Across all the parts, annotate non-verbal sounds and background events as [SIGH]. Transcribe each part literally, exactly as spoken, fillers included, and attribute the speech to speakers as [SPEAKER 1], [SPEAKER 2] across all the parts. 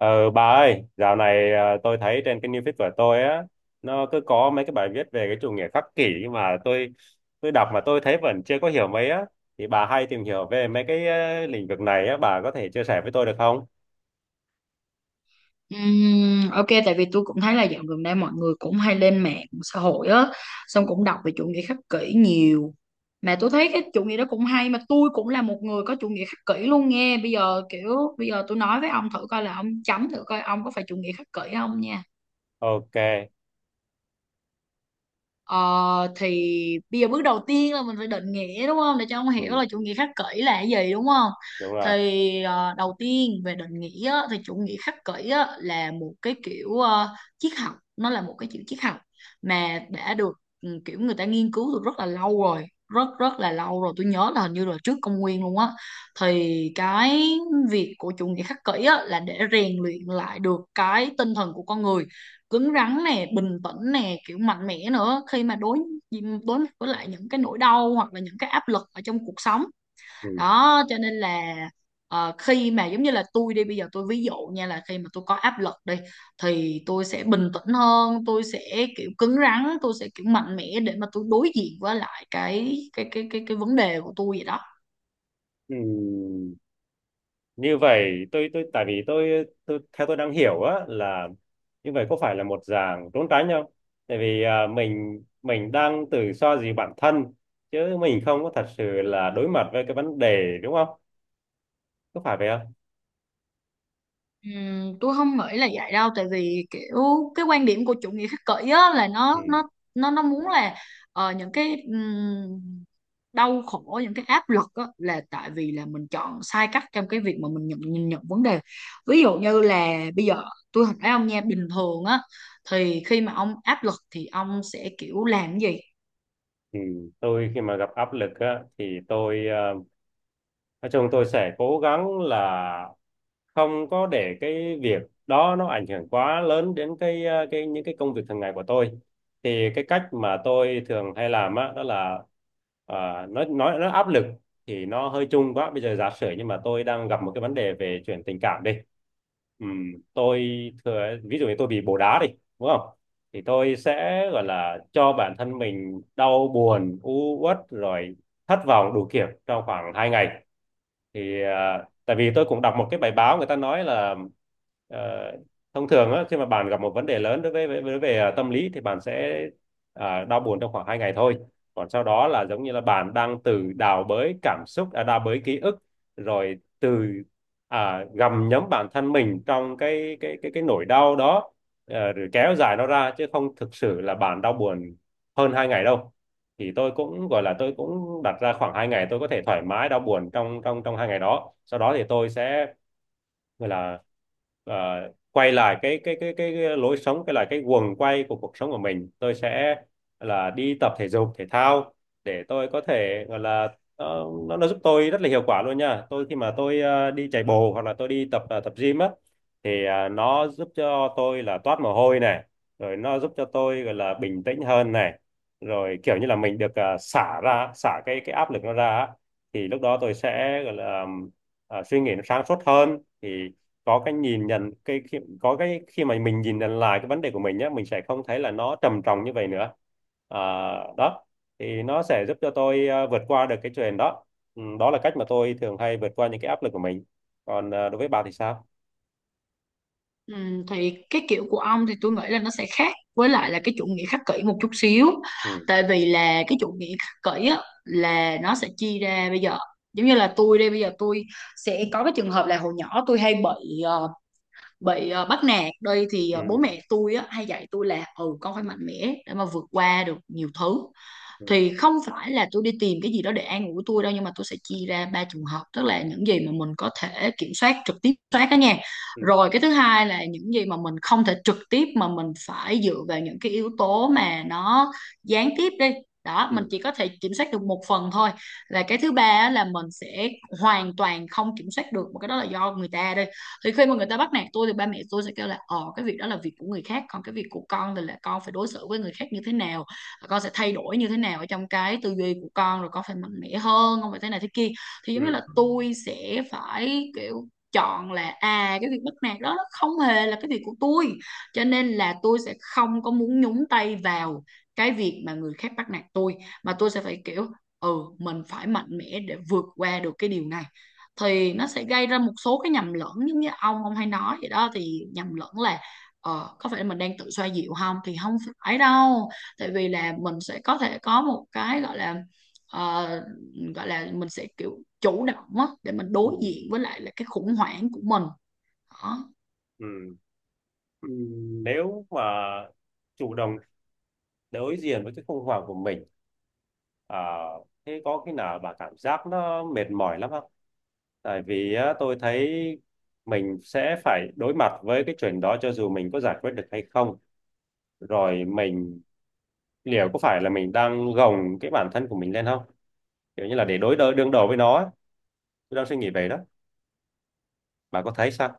[SPEAKER 1] Ờ, bà ơi, dạo này à, tôi thấy trên cái new feed của tôi á, nó cứ có mấy cái bài viết về cái chủ nghĩa khắc kỷ, nhưng mà tôi tôi đọc mà tôi thấy vẫn chưa có hiểu mấy á. Thì bà hay tìm hiểu về mấy cái ờ, lĩnh vực này á, bà có thể chia sẻ với tôi được không?
[SPEAKER 2] Ừm, ok, tại vì tôi cũng thấy là dạo gần đây mọi người cũng hay lên mạng xã hội á, xong cũng đọc về chủ nghĩa khắc kỷ nhiều. Mà tôi thấy cái chủ nghĩa đó cũng hay, mà tôi cũng là một người có chủ nghĩa khắc kỷ luôn nghe. Bây giờ kiểu bây giờ tôi nói với ông thử coi, là ông chấm thử coi ông có phải chủ nghĩa khắc kỷ không nha.
[SPEAKER 1] Ok.
[SPEAKER 2] Ờ, thì bây giờ bước đầu tiên là mình phải định nghĩa, đúng không, để cho ông hiểu
[SPEAKER 1] Ừ,
[SPEAKER 2] là chủ nghĩa khắc kỷ là cái gì, đúng không.
[SPEAKER 1] đúng rồi.
[SPEAKER 2] Thì ờ, đầu tiên về định nghĩa á, thì chủ nghĩa khắc kỷ á, là một cái kiểu ờ, triết học, nó là một cái kiểu triết học mà đã được, ừ, kiểu người ta nghiên cứu từ rất là lâu rồi, rất rất là lâu rồi, tôi nhớ là hình như là trước công nguyên luôn á. Thì cái việc của chủ nghĩa khắc kỷ á, là để rèn luyện lại được cái tinh thần của con người, cứng rắn nè, bình tĩnh nè, kiểu mạnh mẽ nữa, khi mà đối đối mặt với lại những cái nỗi đau hoặc là những cái áp lực ở trong cuộc sống
[SPEAKER 1] Ừ.
[SPEAKER 2] đó. Cho nên là, ờ, khi mà giống như là tôi đi, bây giờ tôi ví dụ nha, là khi mà tôi có áp lực đi, thì tôi sẽ bình tĩnh hơn, tôi sẽ kiểu cứng rắn, tôi sẽ kiểu mạnh mẽ để mà tôi đối diện với lại cái cái cái cái cái vấn đề của tôi vậy đó.
[SPEAKER 1] Ừ. Như vậy tôi tôi tại vì tôi tôi theo tôi đang hiểu á là, như vậy có phải là một dạng trốn tránh không? Tại vì à, mình mình đang tự so gì bản thân, chứ mình không có thật sự là đối mặt với cái vấn đề, đúng không? Có phải vậy không?
[SPEAKER 2] Ừm, tôi không nghĩ là vậy đâu, tại vì kiểu cái quan điểm của chủ nghĩa khích kỷ á, là
[SPEAKER 1] Ừ.
[SPEAKER 2] nó nó nó nó muốn là, ờ, những cái ừm, đau khổ, những cái áp lực á, là tại vì là mình chọn sai cách trong cái việc mà mình nhận nhìn nhận vấn đề. Ví dụ như là bây giờ tôi hỏi ông nha, bình thường á thì khi mà ông áp lực thì ông sẽ kiểu làm cái gì?
[SPEAKER 1] Ừ. Tôi khi mà gặp áp lực á thì tôi à, nói chung tôi sẽ cố gắng là không có để cái việc đó nó ảnh hưởng quá lớn đến cái ờ, cái những cái công việc thường ngày của tôi. Thì cái cách mà tôi thường hay làm á đó là ờ, nói nói nó áp lực thì nó hơi chung quá. Bây giờ giả sử, nhưng mà tôi đang gặp một cái vấn đề về chuyện tình cảm đi. Ừm, tôi thừa ví dụ như tôi bị bồ đá đi, đúng không? Thì tôi sẽ gọi là cho bản thân mình đau buồn, u uất rồi thất vọng đủ kiểu trong khoảng hai ngày. Thì à, tại vì tôi cũng đọc một cái bài báo người ta nói là ờ, thông thường á, khi mà bạn gặp một vấn đề lớn đối với với, với về à, tâm lý, thì bạn sẽ à, đau buồn trong khoảng hai ngày thôi. Còn sau đó là giống như là bạn đang từ đào bới cảm xúc, à, đào bới ký ức, rồi từ à, gặm nhấm bản thân mình trong cái cái cái cái nỗi đau đó, ờ, rồi kéo dài nó ra, chứ không thực sự là bạn đau buồn hơn hai ngày đâu. Thì tôi cũng gọi là tôi cũng đặt ra khoảng hai ngày, tôi có thể thoải mái đau buồn trong trong trong hai ngày đó, sau đó thì tôi sẽ gọi là ờ, quay lại cái cái cái cái cái lối sống, cái là cái guồng quay của cuộc sống của mình. Tôi sẽ là đi tập thể dục thể thao để tôi có thể gọi là, ờ, nó nó giúp tôi rất là hiệu quả luôn nha. Tôi khi mà tôi ờ, đi chạy bộ hoặc là tôi đi tập ờ, tập gym á, thì ờ, nó giúp cho tôi là toát mồ hôi này, rồi nó giúp cho tôi gọi là bình tĩnh hơn này, rồi kiểu như là mình được ờ, xả ra xả cái cái áp lực nó ra á. Thì lúc đó tôi sẽ gọi là ờ, suy nghĩ nó sáng suốt hơn. Thì có cái nhìn nhận cái khi, có cái khi mà mình nhìn nhận lại cái vấn đề của mình nhé, mình sẽ không thấy là nó trầm trọng như vậy nữa. À, đó, thì nó sẽ giúp cho tôi à, vượt qua được cái chuyện đó. Ừ, đó là cách mà tôi thường hay vượt qua những cái áp lực của mình. Còn à, đối với bà thì sao?
[SPEAKER 2] Ừ, thì cái kiểu của ông thì tôi nghĩ là nó sẽ khác với lại là cái chủ nghĩa khắc kỷ một chút xíu.
[SPEAKER 1] Ừ.
[SPEAKER 2] Tại vì là cái chủ nghĩa khắc kỷ á, là nó sẽ chia ra. Bây giờ giống như là tôi đây, bây giờ tôi sẽ có cái trường hợp là hồi nhỏ tôi hay bị ờ, bị ờ, bắt nạt đây, thì ờ, bố
[SPEAKER 1] Ừ.
[SPEAKER 2] mẹ tôi á, hay dạy tôi là ừ con phải mạnh mẽ để mà vượt qua được nhiều thứ.
[SPEAKER 1] Ừ.
[SPEAKER 2] Thì không phải là tôi đi tìm cái gì đó để an ủi tôi đâu, nhưng mà tôi sẽ chia ra ba trường hợp, tức là những gì mà mình có thể kiểm soát trực tiếp soát đó nha.
[SPEAKER 1] Ừ.
[SPEAKER 2] Rồi cái thứ hai là những gì mà mình không thể trực tiếp, mà mình phải dựa vào những cái yếu tố mà nó gián tiếp đi, đó mình
[SPEAKER 1] Ừ.
[SPEAKER 2] chỉ có thể kiểm soát được một phần thôi. Là cái thứ ba á, là mình sẽ hoàn toàn không kiểm soát được, mà cái đó là do người ta đi. Thì khi mà người ta bắt nạt tôi thì ba mẹ tôi sẽ kêu là, ờ cái việc đó là việc của người khác, còn cái việc của con thì là con phải đối xử với người khác như thế nào, con sẽ thay đổi như thế nào ở trong cái tư duy của con, rồi con phải mạnh mẽ hơn, không phải thế này thế kia. Thì giống như
[SPEAKER 1] Ừ.
[SPEAKER 2] là tôi sẽ phải kiểu chọn là à cái việc bắt nạt đó nó không hề là cái việc của tôi, cho nên là tôi sẽ không có muốn nhúng tay vào cái việc mà người khác bắt nạt tôi, mà tôi sẽ phải kiểu ừ mình phải mạnh mẽ để vượt qua được cái điều này. Thì nó sẽ gây ra một số cái nhầm lẫn, giống như ông ông hay nói vậy đó, thì nhầm lẫn là ờ, có phải mình đang tự xoa dịu không, thì không phải đâu. Tại vì là mình sẽ có thể có một cái gọi là, ờ, gọi là mình sẽ kiểu chủ động á để mình
[SPEAKER 1] Ừ.
[SPEAKER 2] đối diện với lại là cái khủng hoảng của mình đó.
[SPEAKER 1] Ừ. Ừ, nếu mà chủ động đối diện với cái khủng hoảng của mình, à, thế có khi nào bà cảm giác nó mệt mỏi lắm không? Tại vì á, tôi thấy mình sẽ phải đối mặt với cái chuyện đó cho dù mình có giải quyết được hay không. Rồi mình liệu có phải là mình đang gồng cái bản thân của mình lên không? Kiểu như là để đối đỡ đương đầu với nó á. Tôi đang suy nghĩ về đó. Bà có thấy sao?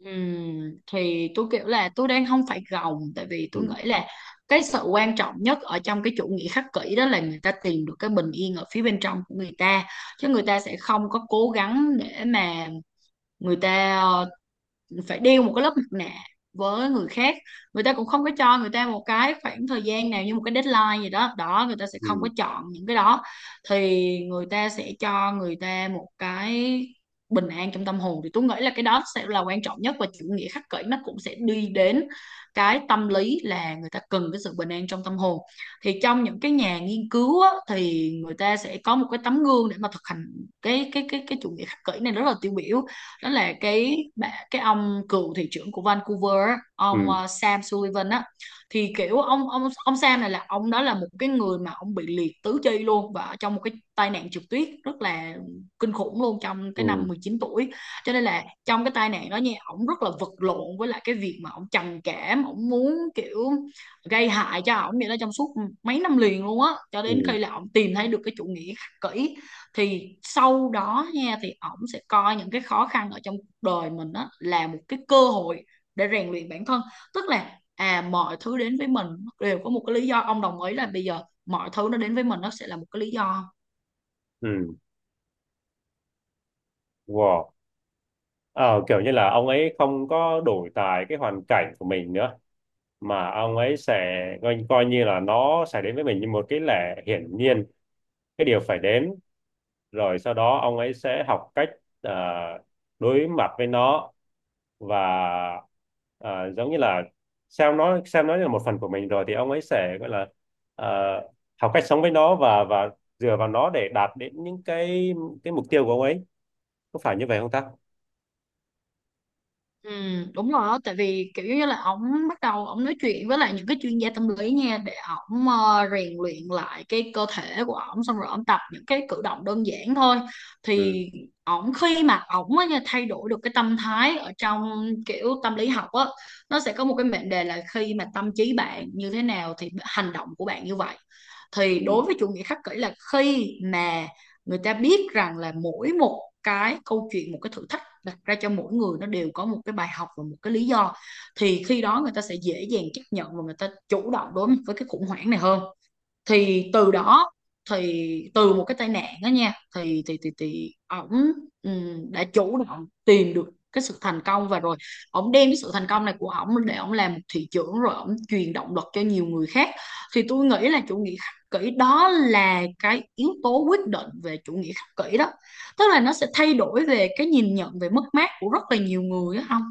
[SPEAKER 2] Ừm, thì tôi kiểu là tôi đang không phải gồng, tại vì
[SPEAKER 1] Ừ.
[SPEAKER 2] tôi nghĩ là cái sự quan trọng nhất ở trong cái chủ nghĩa khắc kỷ đó là người ta tìm được cái bình yên ở phía bên trong của người ta, chứ người ta sẽ không có cố gắng để mà người ta ờ, phải đeo một cái lớp mặt nạ với người khác. Người ta cũng không có cho người ta một cái khoảng thời gian nào như một cái deadline gì đó đó, người ta sẽ không có
[SPEAKER 1] Ừ.
[SPEAKER 2] chọn những cái đó. Thì người ta sẽ cho người ta một cái bình an trong tâm hồn, thì tôi nghĩ là cái đó sẽ là quan trọng nhất, và chủ nghĩa khắc kỷ nó cũng sẽ đi đến cái tâm lý là người ta cần cái sự bình an trong tâm hồn. Thì trong những cái nhà nghiên cứu á, thì người ta sẽ có một cái tấm gương để mà thực hành cái cái cái cái chủ nghĩa khắc kỷ này rất là tiêu biểu, đó là cái bà- cái ông cựu thị trưởng của Vancouver, ông
[SPEAKER 1] Ừ.
[SPEAKER 2] ờ, Sam Sullivan á. Thì kiểu ông ông ông Sam này là ông đó là một cái người mà ông bị liệt tứ chi luôn và trong một cái tai nạn trượt tuyết rất là kinh khủng luôn, trong cái
[SPEAKER 1] Ừ.
[SPEAKER 2] năm mười chín tuổi. Cho nên là trong cái tai nạn đó nha, ông rất là vật lộn với lại cái việc mà ông trầm cảm, ông muốn kiểu gây hại cho ông vậy đó, trong suốt mấy năm liền luôn á, cho đến
[SPEAKER 1] Ừ.
[SPEAKER 2] khi là ông tìm thấy được cái chủ nghĩa khắc kỷ. Thì sau đó nha thì ổng sẽ coi những cái khó khăn ở trong cuộc đời mình á là một cái cơ hội để rèn luyện bản thân. Tức là à mọi thứ đến với mình đều có một cái lý do, ông đồng ý là bây giờ mọi thứ nó đến với mình nó sẽ là một cái lý do.
[SPEAKER 1] Ừ. Wow. Ờ, Kiểu như là ông ấy không có đổi tài cái hoàn cảnh của mình nữa, mà ông ấy sẽ coi, coi như là nó sẽ đến với mình như một cái lẽ hiển nhiên, cái điều phải đến. Rồi sau đó ông ấy sẽ học cách à, đối mặt với nó, và à, giống như là xem nó xem nó như là một phần của mình. Rồi thì ông ấy sẽ gọi là à, học cách sống với nó, và và dựa vào nó để đạt đến những cái cái mục tiêu của ông ấy. Có phải như vậy không ta?
[SPEAKER 2] Ừ, Đúng rồi á, tại vì kiểu như là ổng bắt đầu ổng nói chuyện với lại những cái chuyên gia tâm lý nha, để ổng ờ, rèn luyện lại cái cơ thể của ổng, xong rồi ổng tập những cái cử động đơn giản thôi.
[SPEAKER 1] Ừ.
[SPEAKER 2] Thì ổng khi mà ổng á nha, thay đổi được cái tâm thái ở trong kiểu tâm lý học á, nó sẽ có một cái mệnh đề là khi mà tâm trí bạn như thế nào thì hành động của bạn như vậy. Thì
[SPEAKER 1] Ừ.
[SPEAKER 2] đối với chủ nghĩa khắc kỷ là khi mà người ta biết rằng là mỗi một cái câu chuyện, một cái thử thách đặt ra cho mỗi người nó đều có một cái bài học và một cái lý do, thì khi đó người ta sẽ dễ dàng chấp nhận và người ta chủ động đối với cái khủng hoảng này hơn. Thì từ đó, thì từ một cái tai nạn đó nha, thì thì thì thì ổng ừm, đã chủ động tìm được cái sự thành công, và rồi ổng đem cái sự thành công này của ổng để ổng làm một thị trưởng, rồi ổng truyền động lực cho nhiều người khác. Thì tôi nghĩ là chủ nghĩa khắc kỷ đó là cái yếu tố quyết định về chủ nghĩa khắc kỷ đó, tức là nó sẽ thay đổi về cái nhìn nhận về mất mát của rất là nhiều người á không.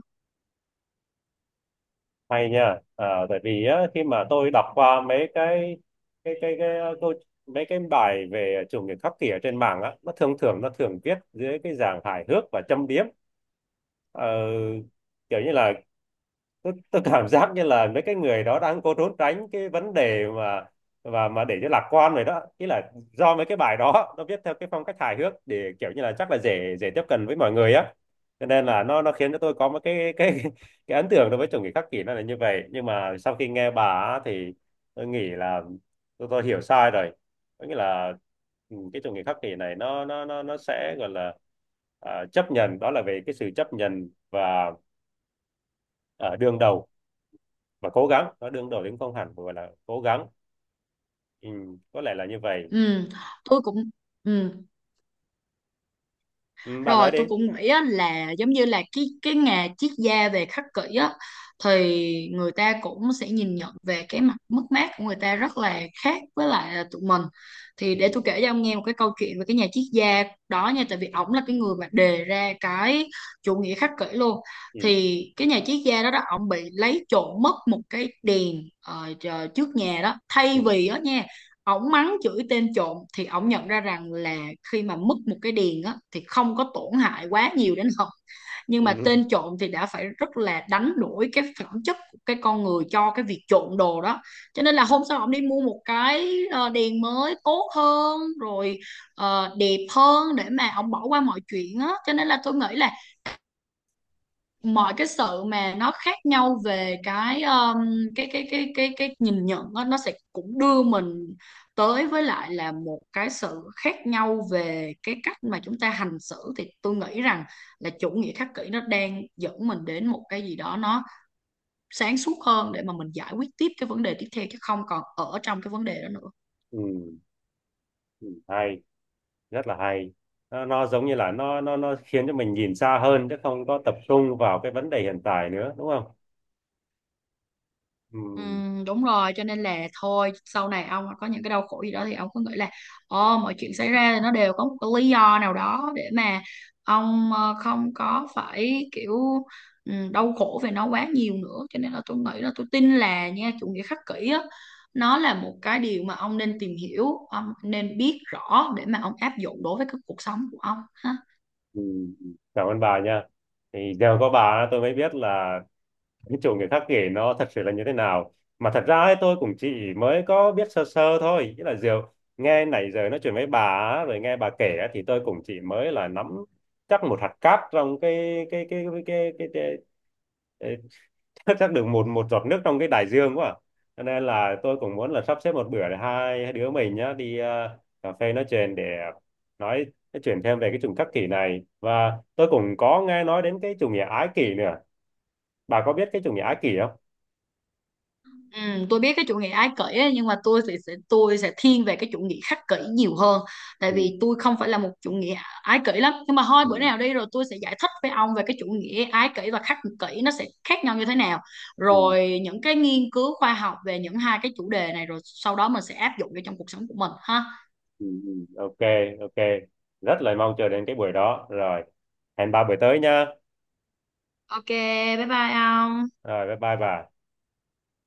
[SPEAKER 1] Hay nha. À, tại vì á, khi mà tôi đọc qua mấy cái cái cái cái ờ, câu mấy cái bài về chủ nghĩa khắc kỷ ở trên mạng á, nó thường thường nó thường viết dưới cái dạng hài hước và châm biếm. Ờ, Kiểu như là tôi, tôi cảm giác như là mấy cái người đó đang cố trốn tránh cái vấn đề, mà và mà để cho lạc quan rồi đó. Ý là do mấy cái bài đó nó viết theo cái phong cách hài hước để kiểu như là chắc là dễ, dễ tiếp cận với mọi người á, cho nên là nó nó khiến cho tôi có một cái cái [LAUGHS] cái ấn tượng đối với chủ nghĩa khắc kỷ nó là như vậy. Nhưng mà sau khi nghe bà á thì tôi nghĩ là tôi, tôi hiểu sai rồi. Có nghĩa là ừ, cái chủ nghĩa khắc kỷ này nó nó nó nó sẽ gọi là à, chấp nhận, đó là về cái sự chấp nhận và à, đương đầu. Mà cố gắng nó đương đầu đến không hẳn gọi là cố gắng. Ừ, có lẽ là như vậy.
[SPEAKER 2] Ừ, tôi cũng, ừ.
[SPEAKER 1] Ừ, bà nói
[SPEAKER 2] Rồi tôi
[SPEAKER 1] đi.
[SPEAKER 2] cũng nghĩ á, là giống như là cái cái nghề triết gia về khắc kỷ á, thì người ta cũng sẽ nhìn nhận về cái mặt mất mát của người ta rất là khác với lại là tụi mình. Thì để
[SPEAKER 1] Ừ.
[SPEAKER 2] tôi kể cho ông nghe một cái câu chuyện về cái nhà triết gia đó nha, tại vì ổng là cái người mà đề ra cái chủ nghĩa khắc kỷ luôn.
[SPEAKER 1] Ừ.
[SPEAKER 2] Thì cái nhà triết gia đó đó ổng bị lấy trộm mất một cái đèn ờ, chờ- trước nhà đó.
[SPEAKER 1] Ừ.
[SPEAKER 2] Thay vì đó nha ổng mắng chửi tên trộm, thì ổng nhận ra rằng là khi mà mất một cái điền á thì không có tổn hại quá nhiều đến họ, nhưng mà
[SPEAKER 1] Ừ.
[SPEAKER 2] tên trộm thì đã phải rất là đánh đổi cái phẩm chất của cái con người cho cái việc trộm đồ đó. Cho nên là hôm sau ổng đi mua một cái ờ, đèn mới tốt hơn rồi ờ, đẹp hơn để mà ổng bỏ qua mọi chuyện á. Cho nên là tôi nghĩ là mọi cái sự mà nó khác nhau về cái um, cái cái cái cái cái nhìn nhận đó, nó sẽ cũng đưa mình tới với lại là một cái sự khác nhau về cái cách mà chúng ta hành xử. Thì tôi nghĩ rằng là chủ nghĩa khắc kỷ nó đang dẫn mình đến một cái gì đó nó sáng suốt hơn, để mà mình giải quyết tiếp cái vấn đề tiếp theo, chứ không còn ở trong cái vấn đề đó nữa.
[SPEAKER 1] Ừ. Ừ. Hay, rất là hay. Nó, nó giống như là nó nó nó khiến cho mình nhìn xa hơn chứ không có tập trung vào cái vấn đề hiện tại nữa, đúng không? Ừ.
[SPEAKER 2] Ừ, Đúng rồi, cho nên là thôi sau này ông có những cái đau khổ gì đó thì ông cứ nghĩ là, ờ, mọi chuyện xảy ra thì nó đều có một cái lý do nào đó, để mà ông ờ, không có phải kiểu ừ, đau khổ về nó quá nhiều nữa. Cho nên là tôi nghĩ là, tôi tin là nha, chủ nghĩa khắc kỷ á, nó là một cái điều mà ông nên tìm hiểu, ông nên biết rõ để mà ông áp dụng đối với cái cuộc sống của ông.
[SPEAKER 1] Ừ. Ừ. Cảm ơn bà nha. Thì giờ có bà tôi mới biết là cái chỗ người khác kể nó thật sự là như thế nào. Mà thật ra ấy, tôi cũng chỉ mới có biết sơ sơ thôi, nghĩa là Diệu nghe nãy giờ nói chuyện với bà á, rồi nghe bà kể á, thì tôi cũng chỉ mới là nắm chắc một hạt cát trong cái cái cái cái cái, cái, cái Ê, [LAUGHS] chắc được một một giọt nước trong cái đại dương quá à. Cho nên là tôi cũng muốn là sắp xếp một bữa để hai, hai đứa mình nhá đi ờ, cà phê nói chuyện để nói, nói chuyện thêm về cái chủng khắc kỷ này, và tôi cũng có nghe nói đến cái chủ nghĩa ái kỷ nữa. Bà có biết cái chủ nghĩa ái kỷ không?
[SPEAKER 2] Ừ, tôi biết cái chủ nghĩa ái kỷ ấy, nhưng mà tôi sẽ, sẽ tôi sẽ thiên về cái chủ nghĩa khắc kỷ nhiều hơn, tại
[SPEAKER 1] Ừ.
[SPEAKER 2] vì tôi không phải là một chủ nghĩa ái kỷ lắm. Nhưng mà thôi bữa
[SPEAKER 1] Ừ.
[SPEAKER 2] nào đi rồi tôi sẽ giải thích với ông về cái chủ nghĩa ái kỷ và khắc kỷ nó sẽ khác nhau như thế nào,
[SPEAKER 1] Ừ.
[SPEAKER 2] rồi những cái nghiên cứu khoa học về những hai cái chủ đề này, rồi sau đó mình sẽ áp dụng vô trong cuộc sống của mình ha.
[SPEAKER 1] Ừ. Ừ. Ok. Ok. Rất là mong chờ đến cái buổi đó rồi. Hẹn ba buổi tới nha.
[SPEAKER 2] Ok, bye bye ông.
[SPEAKER 1] Rồi bye bye bà.